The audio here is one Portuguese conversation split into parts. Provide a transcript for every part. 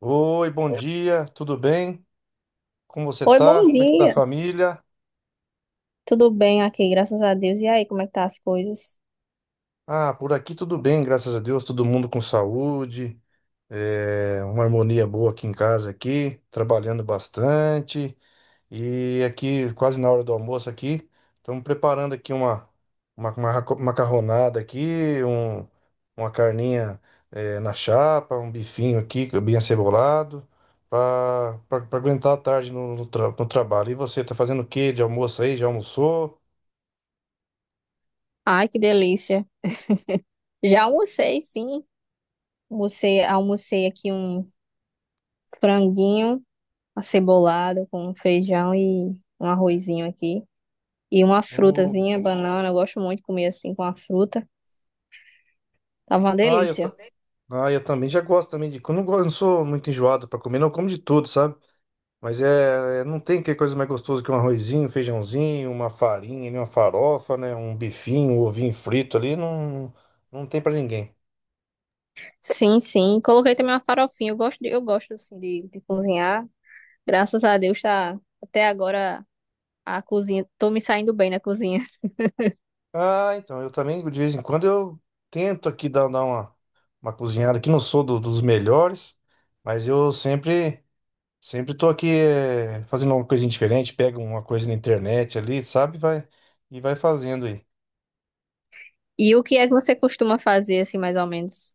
Oi, bom dia, tudo bem? Como você Oi, tá? bom Como é que tá a dia. família? Tudo bem aqui, graças a Deus. E aí, como é que tá as coisas? Ah, por aqui tudo bem, graças a Deus, todo mundo com saúde, uma harmonia boa aqui em casa aqui, trabalhando bastante. E aqui, quase na hora do almoço aqui, estamos preparando aqui uma macarronada aqui, uma carninha na chapa, um bifinho aqui, que é bem acebolado, para aguentar a tarde no trabalho. E você, tá fazendo o quê de almoço aí? Já almoçou? Ai, que delícia. Já almocei, sim. Almocei aqui um franguinho acebolado com feijão e um arrozinho aqui. E uma O- frutazinha, banana. Eu gosto muito de comer assim com a fruta. Tava uma Ah, eu, delícia. ta- ah, eu também já gosto também de... Eu não sou muito enjoado para comer, não, eu como de tudo, sabe? Não tem que coisa mais gostosa que um arrozinho, um feijãozinho, uma farinha, né, uma farofa, né, um bifinho, um ovinho frito ali, não, não tem pra ninguém. Sim, sim. Coloquei também uma farofinha. Eu eu gosto assim de cozinhar. Graças a Deus, tá até agora a cozinha. Tô me saindo bem na cozinha. Ah, então, eu também, de vez em quando, eu tento aqui dar uma cozinhada, que não sou do- dos melhores, mas eu sempre, sempre tô aqui fazendo uma coisinha diferente, pego uma coisa na internet ali, sabe, vai, e vai fazendo aí. E o que é que você costuma fazer, assim, mais ou menos?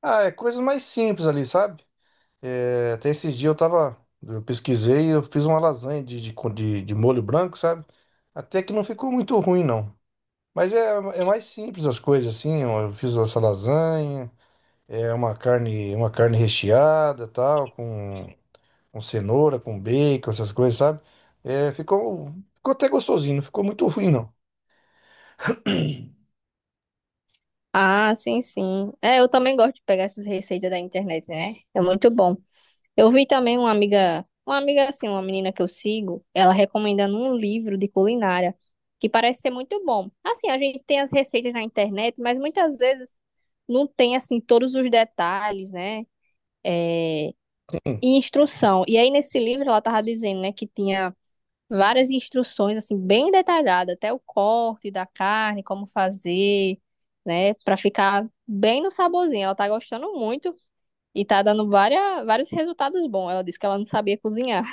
Ah, é coisas mais simples ali, sabe? É, até esses dias eu tava. Eu pesquisei e eu fiz uma lasanha de molho branco, sabe? Até que não ficou muito ruim, não. É mais simples as coisas, assim. Eu fiz essa lasanha, uma carne recheada, tal, com cenoura, com bacon, essas coisas, sabe? É, ficou, Ficou até gostosinho, não ficou muito ruim, não. Ah, sim, sim. É, eu também gosto de pegar essas receitas da internet, né? É muito bom. Eu vi também uma amiga assim, uma menina que eu sigo, ela recomendando um livro de culinária que parece ser muito bom. Assim, a gente tem as receitas na internet, mas muitas vezes não tem, assim, todos os detalhes, né? E instrução. E aí, nesse livro, ela tava dizendo, né, que tinha várias instruções assim bem detalhadas, até o corte da carne, como fazer, né, para ficar bem no saborzinho. Ela tá gostando muito e tá dando vários resultados bons. Ela disse que ela não sabia cozinhar.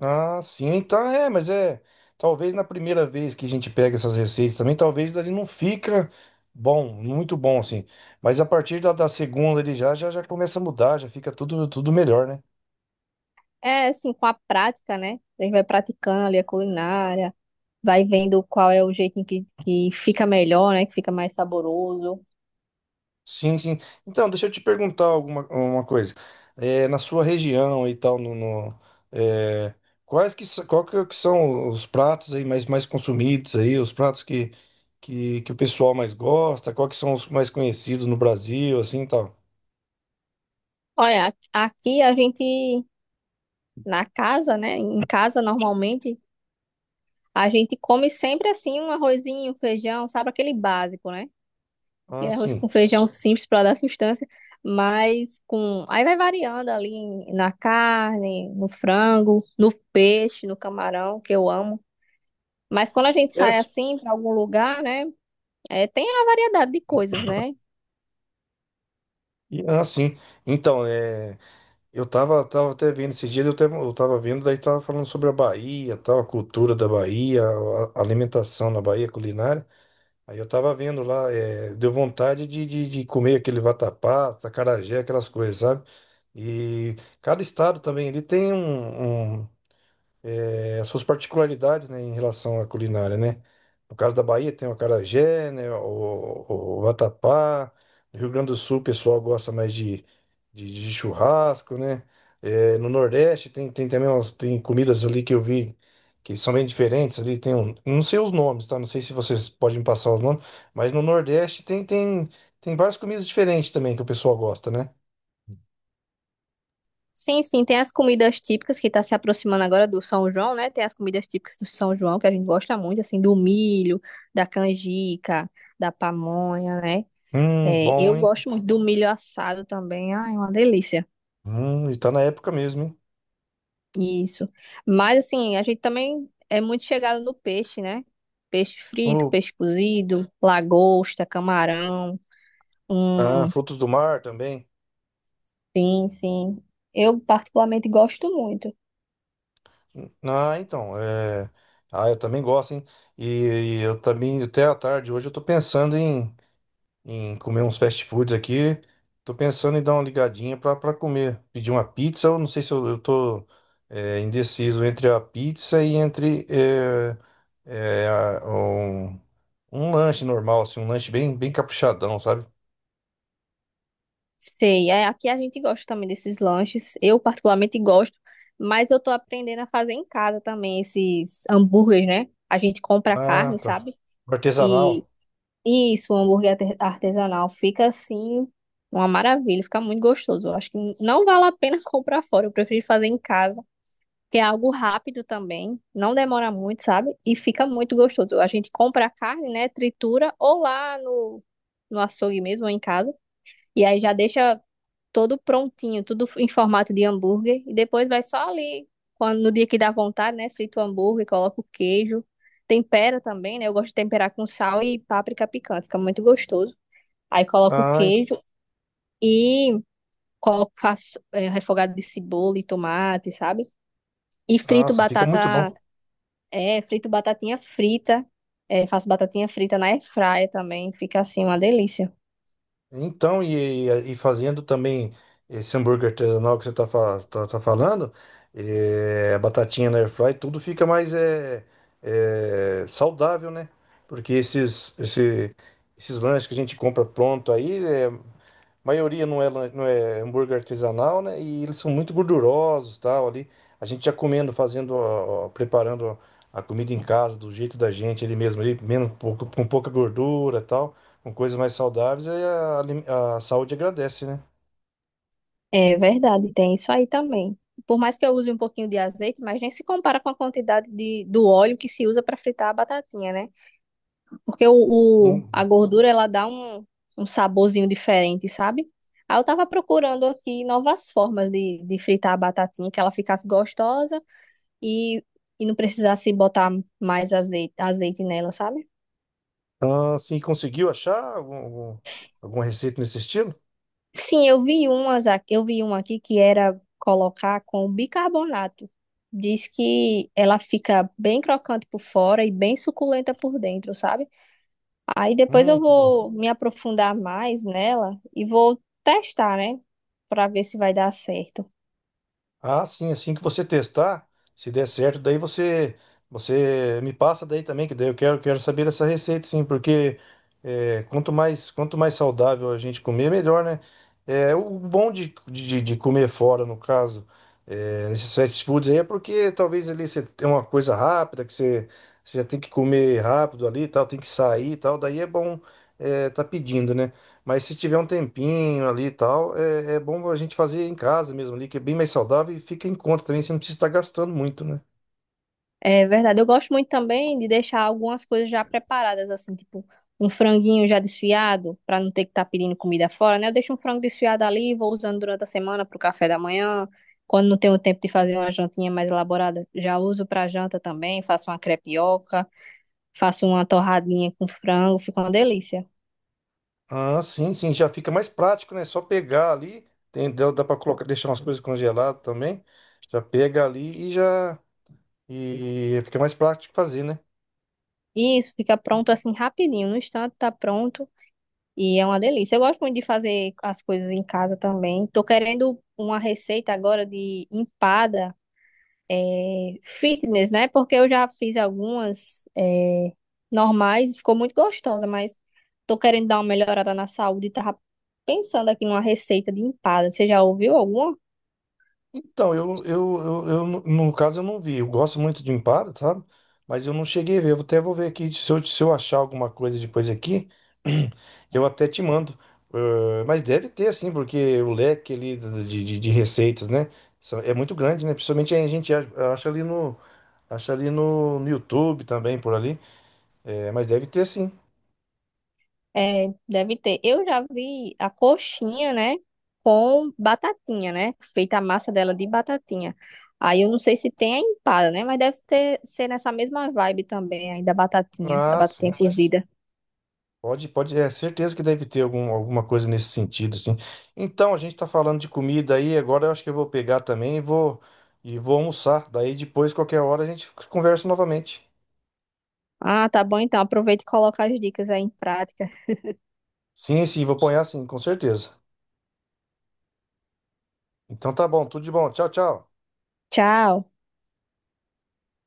Ah, sim, então é, mas é. Talvez na primeira vez que a gente pega essas receitas também, talvez ele não fica bom, muito bom assim. Mas a partir da segunda ele já, já começa a mudar, já fica tudo melhor, né? É assim, com a prática, né? A gente vai praticando ali a culinária, vai vendo qual é o jeito que fica melhor, né, que fica mais saboroso. Sim, sim. Então, deixa eu te perguntar alguma uma coisa. É, na sua região e tal, no, no- é, qual que são os pratos aí mais, mais consumidos aí, os pratos que o pessoal mais gosta, qual que são os mais conhecidos no Brasil, assim, e tal? Olha, aqui a gente na casa, né, em casa normalmente a gente come sempre assim um arrozinho, um feijão, sabe? Aquele básico, né? Ah, Aquele arroz com sim. feijão simples para dar sustância, mas com. Aí vai variando ali na carne, no frango, no peixe, no camarão, que eu amo. Mas quando a gente É, sai s- assim para algum lugar, né? É, tem a variedade de coisas, né? Ah, sim. Então, é, tava até vendo esses dias, eu tava vendo, daí tava falando sobre a Bahia, tal, a cultura da Bahia, a alimentação na Bahia, culinária. Aí eu tava vendo lá, é, deu vontade de comer aquele vatapá, acarajé, aquelas coisas, sabe? E cada estado também, ele tem um, um, as suas particularidades, né, em relação à culinária, né? No caso da Bahia tem o acarajé, né, o vatapá. No Rio Grande do Sul o pessoal gosta mais de churrasco, né? É, no Nordeste tem também umas, tem comidas ali que eu vi que são bem diferentes ali. Tem um, não sei os nomes, tá? Não sei se vocês podem me passar os nomes, mas no Nordeste tem várias comidas diferentes também que o pessoal gosta, né? Sim, sim, tem as comidas típicas que está se aproximando agora do São João, né? Tem as comidas típicas do São João que a gente gosta muito, assim, do milho, da canjica, da pamonha, né? É, Bom, eu hein? gosto muito do milho assado também. Ai, uma delícia. E tá na época mesmo, hein? Isso. Mas assim, a gente também é muito chegado no peixe, né? Peixe frito, O, peixe cozido, lagosta, camarão. ah, Hum, frutos do mar também. sim, sim. Eu particularmente gosto muito. Ah, então, é... Ah, eu também gosto, hein? E, eu também, até à tarde hoje, eu tô pensando em, em comer uns fast foods aqui. Tô pensando em dar uma ligadinha pra comer. Pedir uma pizza, ou não sei se eu, eu tô indeciso entre a pizza e entre é, a- um, um lanche normal, assim, um lanche bem, bem caprichadão, sabe? Sei, é, aqui a gente gosta também desses lanches. Eu particularmente gosto, mas eu tô aprendendo a fazer em casa também esses hambúrgueres, né? A gente compra a Ah, carne, tá. sabe? E Artesanal. isso, um hambúrguer artesanal fica assim uma maravilha, fica muito gostoso. Eu acho que não vale a pena comprar fora, eu prefiro fazer em casa, que é algo rápido também, não demora muito, sabe? E fica muito gostoso. A gente compra a carne, né, tritura ou lá no açougue mesmo ou em casa, e aí já deixa todo prontinho, tudo em formato de hambúrguer. E depois vai só ali, quando, no dia que dá vontade, né? Frita o hambúrguer, coloca o queijo. Tempera também, né? Eu gosto de temperar com sal e páprica picante, fica muito gostoso. Aí coloco o Ah, en- queijo e coloco, refogado de cebola e tomate, sabe? E frito Nossa, fica muito bom. batata, é, frito batatinha frita. É, faço batatinha frita na airfryer também, fica assim uma delícia. Então, e fazendo também esse hambúrguer artesanal que você está tá, fa- tá- tá falando, a batatinha na airfry, tudo fica mais saudável, né? Porque esses lanches que a gente compra pronto aí, maioria não é hambúrguer artesanal, né? E eles são muito gordurosos, tal, ali. A gente já comendo, fazendo, ó, ó, preparando a comida em casa, do jeito da gente, ele mesmo, ali, menos, pouco, com pouca gordura, tal, com coisas mais saudáveis, aí a saúde agradece, né? É verdade, tem isso aí também. Por mais que eu use um pouquinho de azeite, mas nem se compara com a quantidade do óleo que se usa para fritar a batatinha, né? Porque a Hum. gordura ela dá um, um saborzinho diferente, sabe? Aí eu tava procurando aqui novas formas de fritar a batatinha, que ela ficasse gostosa e, e não precisasse botar mais azeite, azeite nela, sabe? Ah, sim, conseguiu achar alguma receita nesse estilo? Sim, eu vi umas aqui, eu vi uma aqui que era colocar com bicarbonato. Diz que ela fica bem crocante por fora e bem suculenta por dentro, sabe? Aí depois eu Que bom. vou me aprofundar mais nela e vou testar, né? Pra ver se vai dar certo. Ah, sim, assim que você testar, se der certo, daí você me passa daí também, que daí eu quero saber essa receita, sim, porque é, quanto mais saudável a gente comer, melhor, né? É, o bom de comer fora, no caso, é, nesses fast foods aí, é porque talvez ali você tem uma coisa rápida, você já tem que comer rápido ali e tal, tem que sair e tal, daí é bom é, tá pedindo, né? Mas se tiver um tempinho ali e tal, é, é bom a gente fazer em casa mesmo ali, que é bem mais saudável e fica em conta também, você não precisa estar gastando muito, né? É verdade. Eu gosto muito também de deixar algumas coisas já preparadas, assim, tipo um franguinho já desfiado, para não ter que estar pedindo comida fora, né? Eu deixo um frango desfiado ali, vou usando durante a semana para o café da manhã. Quando não tenho tempo de fazer uma jantinha mais elaborada, já uso para janta também. Faço uma crepioca, faço uma torradinha com frango, fica uma delícia. Ah, sim, sim, já fica mais prático, né? Só pegar ali, dá para colocar, deixar umas coisas congeladas também, já pega ali e já e fica mais prático fazer, né? E isso fica pronto assim rapidinho, no instante tá pronto e é uma delícia. Eu gosto muito de fazer as coisas em casa também. Tô querendo uma receita agora de empada. É, fitness, né? Porque eu já fiz normais, ficou muito gostosa, mas tô querendo dar uma melhorada na saúde e tava pensando aqui numa receita de empada. Você já ouviu alguma? Então, no caso, eu não vi. Eu gosto muito de Impala, sabe? Mas eu não cheguei a ver. Eu até vou ver aqui. Se eu achar alguma coisa depois aqui, eu até te mando. Eh, mas deve ter, assim, porque o leque ali de receitas, né? Só- É muito grande, né? Principalmente a gente acha ali no, acha ali no YouTube também, por ali. Eh, mas deve ter, sim. É, deve ter. Eu já vi a coxinha, né? Com batatinha, né? Feita a massa dela de batatinha. Aí eu não sei se tem a empada, né? Mas deve ter, ser nessa mesma vibe também, aí da Ah, batatinha sim. cozida. Pode, pode, é certeza que deve ter algum, alguma coisa nesse sentido, assim. Então, a gente tá falando de comida aí, agora eu acho que eu vou pegar também e vou almoçar. Daí depois, qualquer hora, a gente conversa novamente. Ah, tá bom então. Aproveita e coloca as dicas aí em prática. Sim, sim, vou apanhar sim, com certeza. Então tá bom, tudo de bom. Tchau, tchau. Tchau.